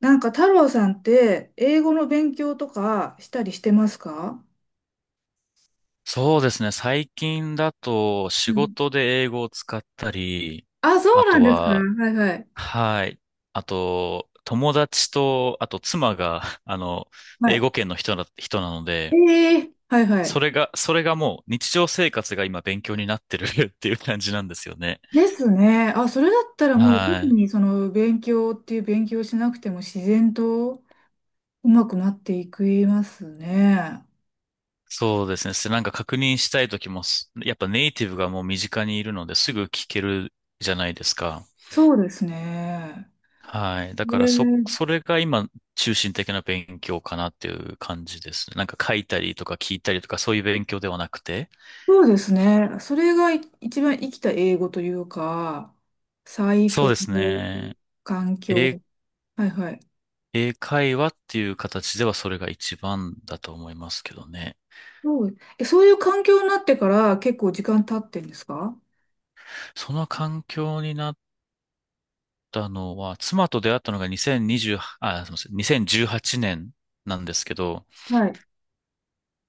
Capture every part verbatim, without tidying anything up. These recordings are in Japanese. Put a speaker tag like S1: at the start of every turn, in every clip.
S1: なんか太郎さんって英語の勉強とかしたりしてますか？
S2: そうですね。最近だと
S1: う
S2: 仕
S1: ん。
S2: 事で英語を使ったり、
S1: あ、そ
S2: あ
S1: うなん
S2: と
S1: ですか。
S2: は、
S1: はいはい。
S2: はい。あと、友達と、あと妻が、あの、
S1: は
S2: 英
S1: い。
S2: 語圏の人な、人なの
S1: え
S2: で、
S1: えはいはい。
S2: それが、それがもう日常生活が今勉強になってる っていう感じなんですよね。
S1: ですね。あ、それだったらもう特
S2: はい。
S1: にその勉強っていう勉強しなくても自然とうまくなっていくいますね。
S2: そうですね。すなんか確認したい時もす、やっぱネイティブがもう身近にいるのですぐ聞けるじゃないですか。
S1: そうですね。
S2: はい。だ
S1: え
S2: からそ、
S1: ー
S2: それが今、中心的な勉強かなっていう感じですね。なんか書いたりとか聞いたりとか、そういう勉強ではなくて。
S1: そうですね。それがい一番生きた英語というか、最
S2: そう
S1: 高
S2: です
S1: の
S2: ね。
S1: 環
S2: 英、
S1: 境。はいはい。
S2: 英会話っていう形ではそれが一番だと思いますけどね。
S1: そう、えそういう環境になってから結構時間経ってんですか？
S2: その環境になったのは、妻と出会ったのがにせんにじゅう、あ、すみません、にせんじゅうはちねんなんですけど、
S1: はい。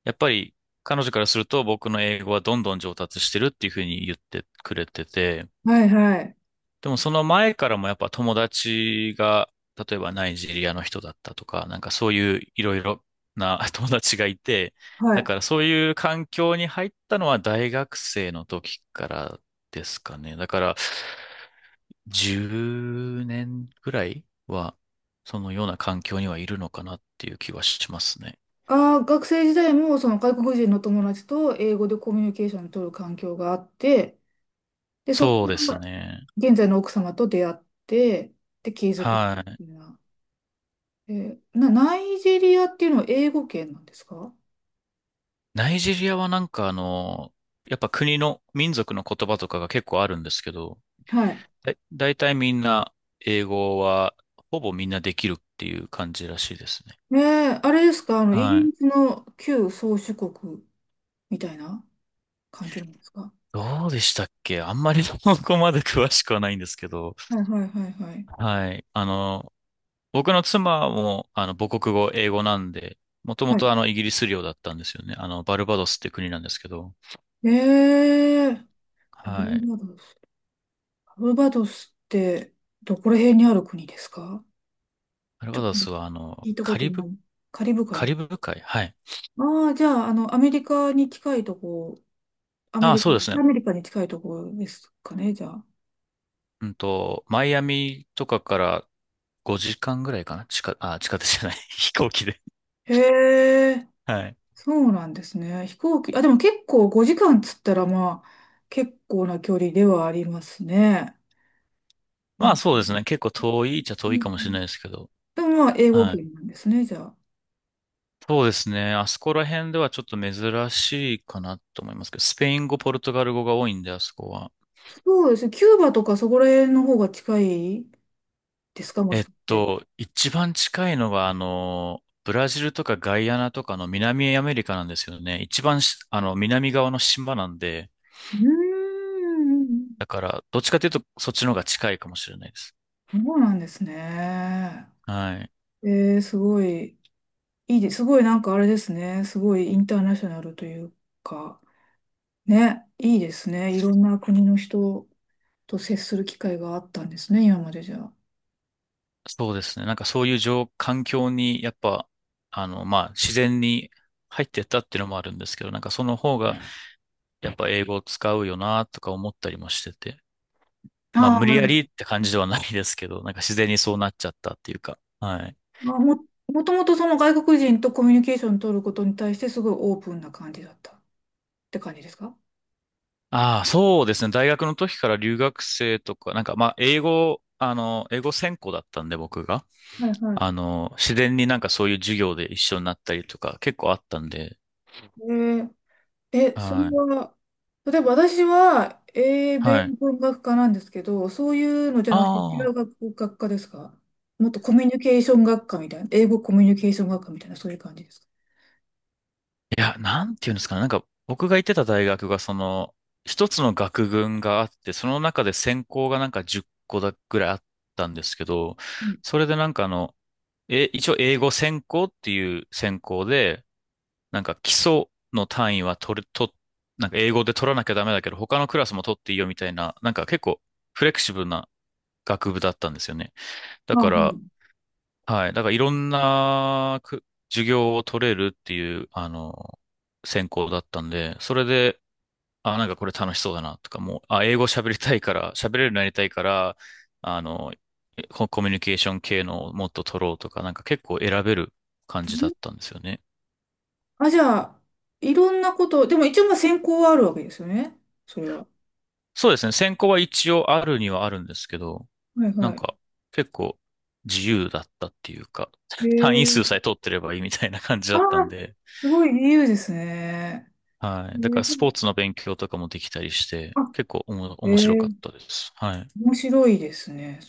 S2: やっぱり彼女からすると僕の英語はどんどん上達してるっていうふうに言ってくれてて、
S1: はいはい。
S2: でもその前からもやっぱ友達が、例えばナイジェリアの人だったとか、なんかそういういろいろな 友達がいて、
S1: は
S2: だ
S1: い。
S2: からそういう環境に入ったのは大学生の時からですかね。だからじゅうねんぐらいはそのような環境にはいるのかなっていう気はしますね。
S1: ああ、学生時代もその外国人の友達と英語でコミュニケーションを取る環境があって、で、そこ
S2: そうで
S1: か
S2: す
S1: ら
S2: ね。
S1: 現在の奥様と出会って、で、継続っ
S2: はい。
S1: ていうのは。えーな、ナイジェリアっていうのは英語圏なんですか？
S2: ナイジェリアはなんかあの、やっぱ国の民族の言葉とかが結構あるんですけど、
S1: はい。
S2: だ、だいたいみんな英語はほぼみんなできるっていう感じらしいですね。
S1: ええ、あれですか、あの、イギ
S2: はい。
S1: リスの旧宗主国みたいな感じなんですか？
S2: どうでしたっけあんまり そこまで詳しくはないんですけど。
S1: はいはいはいはい。
S2: はい。あの、僕の妻もあの母国語、英語なんで、もとも
S1: はい、
S2: とあのイギリス領だったんですよね。あの、バルバドスって国なんですけど。
S1: ええ、バ
S2: は
S1: ル
S2: い。
S1: バドス。バルバドスってどこら辺にある国ですか？
S2: バル
S1: ちょ
S2: バ
S1: っ
S2: ド
S1: と
S2: スはあの、
S1: 聞いたこ
S2: カ
S1: と
S2: リ
S1: な
S2: ブ、
S1: い。カリブ
S2: カ
S1: 海。
S2: リブ海はい。
S1: ああ、じゃあ、あの、アメリカに近いとこ、アメ
S2: ああ、
S1: リカ、
S2: そうですね。
S1: アメリカに近いとこですかね、じゃあ。
S2: うんと、マイアミとかからごじかんぐらいかな地下、あ、地下鉄じゃない。飛行機で。
S1: へえ、
S2: はい。
S1: そうなんですね。飛行機、あ、でも結構ごじかんつったら、まあ、結構な距離ではありますね。な
S2: まあ
S1: んか、
S2: そ
S1: う
S2: うですね。結構遠いっちゃ遠
S1: ん
S2: い
S1: う
S2: かもしれ
S1: ん。
S2: ないですけど。
S1: でもまあ、英語
S2: は
S1: 圏
S2: い。
S1: なんですね、じゃあ。
S2: そうですね。あそこら辺ではちょっと珍しいかなと思いますけど、スペイン語、ポルトガル語が多いんで、あそこは。
S1: そうですね。キューバとかそこら辺の方が近いですか、も
S2: え
S1: し
S2: っ
S1: かして？
S2: と、一番近いのが、あの、ブラジルとかガイアナとかの南アメリカなんですよね。一番し、あの、南側の島なんで、
S1: うーん、
S2: だから、どっちかというと、そっちの方が近いかもしれないです。
S1: そうなんですね。
S2: はい。
S1: えー、すごい、いいです。すごいなんかあれですね。すごいインターナショナルというか、ね、いいですね。いろんな国の人と接する機会があったんですね、今までじゃあ。
S2: そうですね。なんかそういう状、環境に、やっぱ、あの、まあ、自然に入ってったっていうのもあるんですけど、なんかその方が、やっぱ英語を使うよな、とか思ったりもしてて。まあ、
S1: ああ、
S2: 無理や
S1: ま
S2: りって感じではないですけど、なんか自然にそうなっちゃったっていうか。はい。
S1: あも、もともとその外国人とコミュニケーション取ることに対してすごいオープンな感じだったって感じですか？
S2: ああ、そうですね。大学の時から留学生とか、なんかまあ、英、語、あの、英語専攻だったんで、僕が。
S1: はいは
S2: あ
S1: い。
S2: の、自然になんかそういう授業で一緒になったりとか、結構あったんで。
S1: えーえ、それ
S2: はい。
S1: は、例えば私は英米
S2: はい。
S1: 文学科なんですけど、そういうのじゃ
S2: あ
S1: なくて違う
S2: あ。
S1: 学、学科ですか？もっとコミュニケーション学科みたいな、英語コミュニケーション学科みたいな、そういう感じですか？
S2: いや、なんていうんですかね。なんか、僕が行ってた大学が、その、一つの学群があって、その中で専攻がなんか10個だぐらいあったんですけど、
S1: うん、
S2: それでなんかあの、え、一応英語専攻っていう専攻で、なんか基礎の単位は取る、と、なんか英語で取らなきゃダメだけど、他のクラスも取っていいよみたいな、なんか結構フレキシブルな学部だったんですよね。だ
S1: あ、
S2: か
S1: は
S2: ら、
S1: い。
S2: はい。だからいろんなく授業を取れるっていう、あの、専攻だったんで、それで、あ、なんかこれ楽しそうだなとか、もう、あ、英語喋りたいから、喋れるようになりたいから、あの、ココミュニケーション系のをもっと取ろうとか、なんか結構選べる感じだったんですよね。
S1: あ、じゃあ、いろんなこと、でも一応まあ専攻はあるわけですよね。それは。
S2: そうですね。専攻は一応あるにはあるんですけど、
S1: はい
S2: なん
S1: は
S2: か結構自由だったっていうか、
S1: い。
S2: 単位数
S1: へ、
S2: さえ取ってればいいみたいな感じ
S1: あ
S2: だ
S1: あ、
S2: ったんで、
S1: すごい自由ですね。
S2: は
S1: え
S2: い。だからスポー
S1: ー
S2: ツの勉強とかもできたりして、
S1: あ、
S2: 結構おも、面白
S1: へ
S2: かったです。はい。
S1: 面白いですね。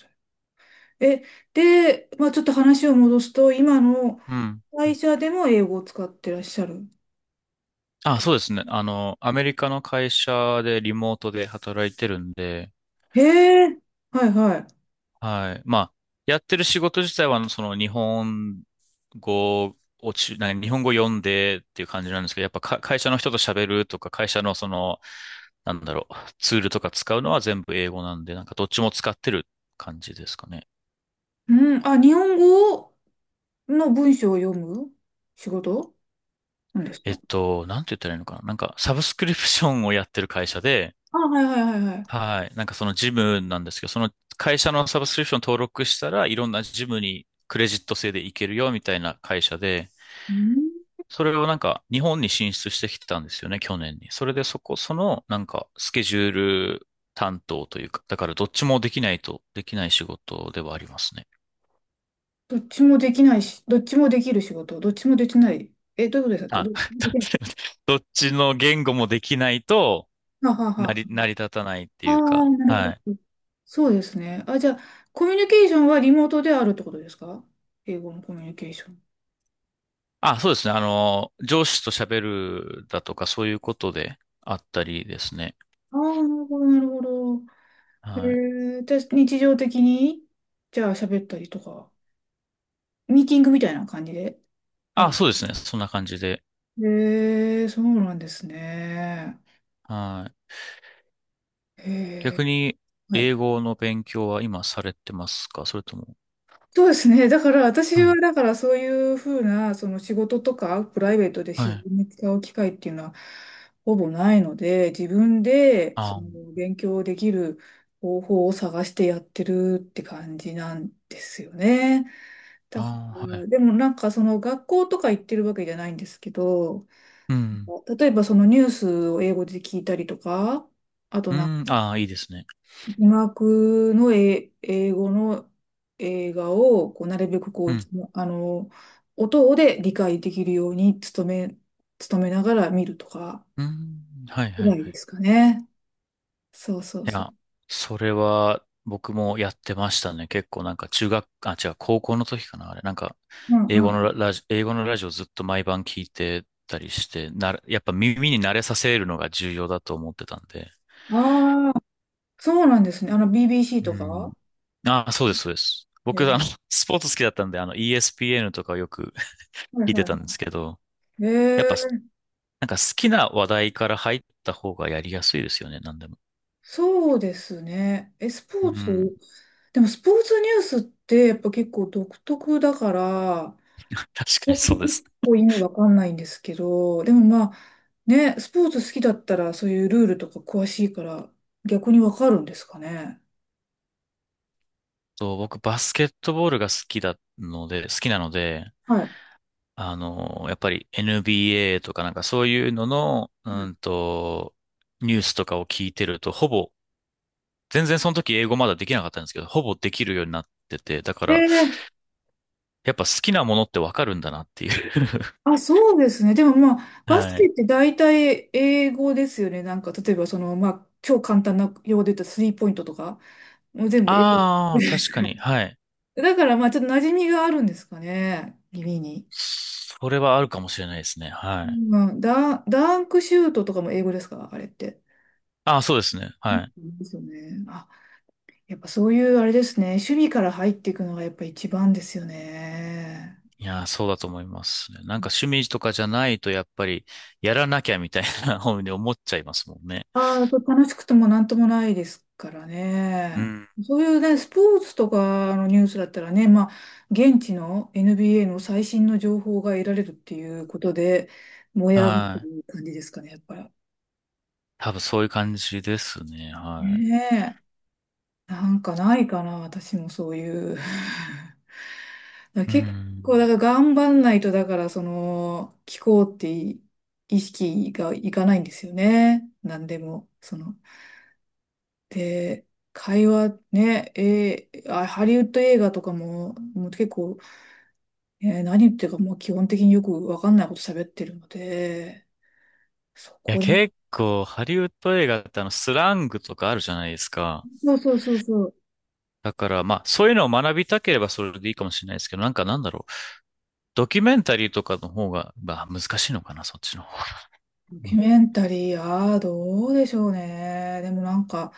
S1: え、で、まあちょっと話を戻すと、今の
S2: うん。は
S1: 会
S2: い
S1: 社でも英語を使ってらっしゃる。
S2: あ、そうですね。あの、アメリカの会社でリモートで働いてるんで、
S1: へえ、はいはい。
S2: はい。まあ、やってる仕事自体は、その日本語をち、なんか日本語読んでっていう感じなんですけど、やっぱか会社の人と喋るとか、会社のその、なんだろう、ツールとか使うのは全部英語なんで、なんかどっちも使ってる感じですかね。
S1: うん、あ、日本語の文章を読む仕事なんです
S2: えっ
S1: か？
S2: と、なんて言ったらいいのかな。なんか、サブスクリプションをやってる会社で、
S1: あ、はいはいはいはい。
S2: はい。なんかそのジムなんですけど、その会社のサブスクリプション登録したらいろんなジムにクレジット制で行けるよみたいな会社で、
S1: うん、
S2: それをなんか日本に進出してきてたんですよね、去年に。それでそこ、そのなんかスケジュール担当というか、だからどっちもできないとできない仕事ではありますね。
S1: どっちもできないし、どっちもできる仕事、どっちもできない。え、どういうことで
S2: あ、
S1: すか？どどできない。
S2: どっちの言語もできないと
S1: はあはあ
S2: 成
S1: は
S2: り、
S1: あ。
S2: 成り立たないって
S1: あ
S2: いう
S1: あ、
S2: か、
S1: なる
S2: はい。
S1: ほど。そうですね。あ、じゃあ、コミュニケーションはリモートであるってことですか？英語のコミュニケーション。
S2: あ、そうですね。あの、上司と喋るだとか、そういうことであったりですね。
S1: ああ、なるほど、なるほど。
S2: はい。
S1: へえ、じゃあ日常的に、じゃあ喋ったりとか。ミーティングみたいな感じであ
S2: あ、
S1: る。
S2: そうですね。そんな感じで。
S1: えー、そうなんですね。
S2: はい。
S1: え
S2: 逆に、
S1: ー、はい。
S2: 英語の勉強は今されてますかそれとも。
S1: そうですね。だから私
S2: は
S1: は、
S2: い。
S1: だからそういうふうな、その仕事とかプライベートで
S2: は
S1: 自
S2: い。
S1: 然に使う機会っていうのはほぼないので、自分でそ
S2: あ
S1: の勉強できる方法を探してやってるって感じなんですよね。だか
S2: あ、は
S1: ら、
S2: い。
S1: でもなんかその学校とか行ってるわけじゃないんですけど、
S2: うん。
S1: 例えばそのニュースを英語で聞いたりとか、あと
S2: う
S1: なんか
S2: ん。ああ、いいですね。
S1: 字幕のえ英語の映画をこうなるべくこ
S2: う
S1: う、
S2: ん。
S1: あの、音で理解できるように努め、努めながら見るとか
S2: うん。はい、
S1: ぐ
S2: は
S1: ら
S2: い、
S1: い
S2: は
S1: で
S2: い。
S1: すかね。そうそう
S2: い
S1: そう。
S2: や、それは僕もやってましたね。結構なんか中学、あ、違う、高校の時かな、あれ。なんか、
S1: うん
S2: 英語の
S1: う
S2: ラ、ラジ、英語のラジオずっと毎晩聞いてたりして、な、やっぱ耳に慣れさせるのが重要だと思ってたんで。
S1: ん。ああ、そうなんですね。あの ビービーシー
S2: う
S1: と
S2: ん。
S1: か。
S2: あ、そうです、そうです。
S1: え
S2: 僕、あの、
S1: ー
S2: スポーツ好きだったんで、あの、イーエスピーエヌ とかをよく
S1: はい
S2: 聞い
S1: は
S2: て
S1: いは
S2: たんですけど、
S1: い。
S2: やっ
S1: え
S2: ぱ、
S1: ー
S2: なんか好きな話題から入った方がやりやすいですよね、なんでも。
S1: そうですね。え、ス
S2: う
S1: ポーツ
S2: ん。
S1: でもスポーツニュースってやっぱ結構独特だから、
S2: 確かに
S1: 私
S2: そうで
S1: 結
S2: す。
S1: 構意味わかんないんですけど、でもまあね、スポーツ好きだったらそういうルールとか詳しいから逆にわかるんですかね？
S2: と、僕バスケットボールが好きだので、好きなので、
S1: はい。
S2: あの、やっぱり エヌビーエー とかなんかそういうのの、うんと、ニュースとかを聞いてると、ほぼ、全然その時英語まだできなかったんですけど、ほぼできるようになってて、だか
S1: え
S2: ら、
S1: え、
S2: やっぱ好きなものってわかるんだなっていう
S1: あ、そうですね。でもまあ、バス
S2: は
S1: ケっ
S2: い。
S1: て大体英語ですよね。なんか、例えばその、まあ、超簡単な用語で言ったらスリーポイントとか、もう全部英語
S2: あ
S1: で
S2: あ、確
S1: す。
S2: かに、はい。
S1: だからまあ、ちょっと馴染みがあるんですかね。耳に。
S2: それはあるかもしれないですね。は
S1: う
S2: い。
S1: ん、ダン、ダンクシュートとかも英語ですか、あれって？
S2: ああ、そうですね。
S1: そう
S2: はい。
S1: ですよね。あ、やっぱそういうあれですね。守備から入っていくのがやっぱ一番ですよね。
S2: いやー、そうだと思いますね。なんか趣味とかじゃないとやっぱりやらなきゃみたいな 方に思っちゃいますもんね。
S1: ああ、これ楽しくてもなんともないですから
S2: う
S1: ね。
S2: ん。
S1: そういうね、スポーツとかのニュースだったらね、まあ、現地の エヌビーエー の最新の情報が得られるっていうことで、燃え上がって
S2: はい。
S1: る感じですかね、やっぱり。
S2: 多分そういう感じですね。は
S1: ねえ。なんかないかな、私もそういう。だから
S2: い。う
S1: 結構、
S2: ん。
S1: だから頑張んないと、だから、その、気候ってい意識がいかないんですよね。なんでも、その。で、会話ね、えーあ、ハリウッド映画とかも、もう結構、えー何言ってるかもう基本的によくわかんないこと喋ってるので、そ
S2: いや、
S1: こで、
S2: 結構ハリウッド映画ってあのスラングとかあるじゃないですか。
S1: そうそうそう。そう。
S2: だからまあそういうのを学びたければそれでいいかもしれないですけど、なんかなんだろう。ドキュメンタリーとかの方が、まあ難しいのかな、そっちの方が。
S1: ド
S2: う
S1: キュ
S2: ん
S1: メンタリー、ああ、どうでしょうね。でもなんか、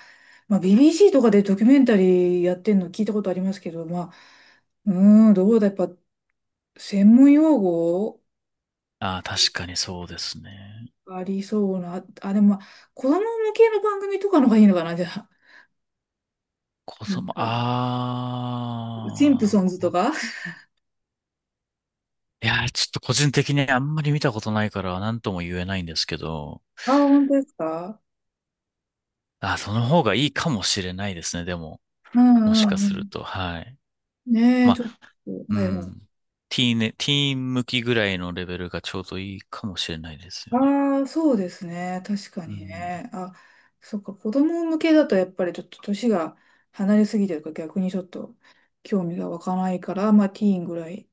S1: まあ、ビービーシー とかでドキュメンタリーやってんの聞いたことありますけど、まあ、うーん、どうだ、やっぱ、専門用語
S2: ああ、確かにそうですね。
S1: ありそうな、あ、でもまあ、子供向けの番組とかの方がいいのかな、じゃあ。
S2: 子
S1: なん
S2: 供、
S1: か、シンプ
S2: あ
S1: ソン
S2: あ、
S1: ズと
S2: 子
S1: か。
S2: いやー、ちょっと個人的にあんまり見たことないから何とも言えないんですけど、
S1: ああ、本当ですか？
S2: あ、その方がいいかもしれないですね、でも。
S1: う
S2: も
S1: ん
S2: し
S1: うん
S2: か
S1: う
S2: する
S1: ん。
S2: と、はい。
S1: ねえ、
S2: ま
S1: ちょっ
S2: あ、
S1: と、
S2: う
S1: はいはい。
S2: ん。ティーンね、ティーン向きぐらいのレベルがちょうどいいかもしれないですよね。
S1: ああ、そうですね。確か
S2: う
S1: に
S2: ん。
S1: ね。あ、そっか、子供向けだとやっぱりちょっと年が離れすぎてるから逆にちょっと興味が湧かないから、まあティーンぐらいっ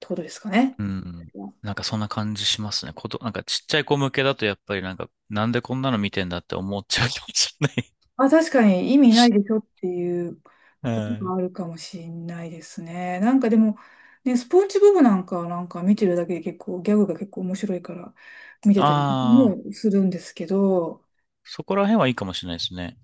S1: てことですかね？
S2: うん。なんかそんな感じしますね。こと、なんかちっちゃい子向けだとやっぱりなんか、なんでこんなの見てんだって思っちゃうかもしれない。
S1: あ、確かに意味ないで しょっていう
S2: う
S1: ことが
S2: ん。
S1: あるかもしれないですね。なんかでも、ね、スポンジボブなんかはなんか見てるだけで結構ギャグが結構面白いから見てたり
S2: ああ、
S1: もするんですけど、
S2: そこら辺はいいかもしれないですね。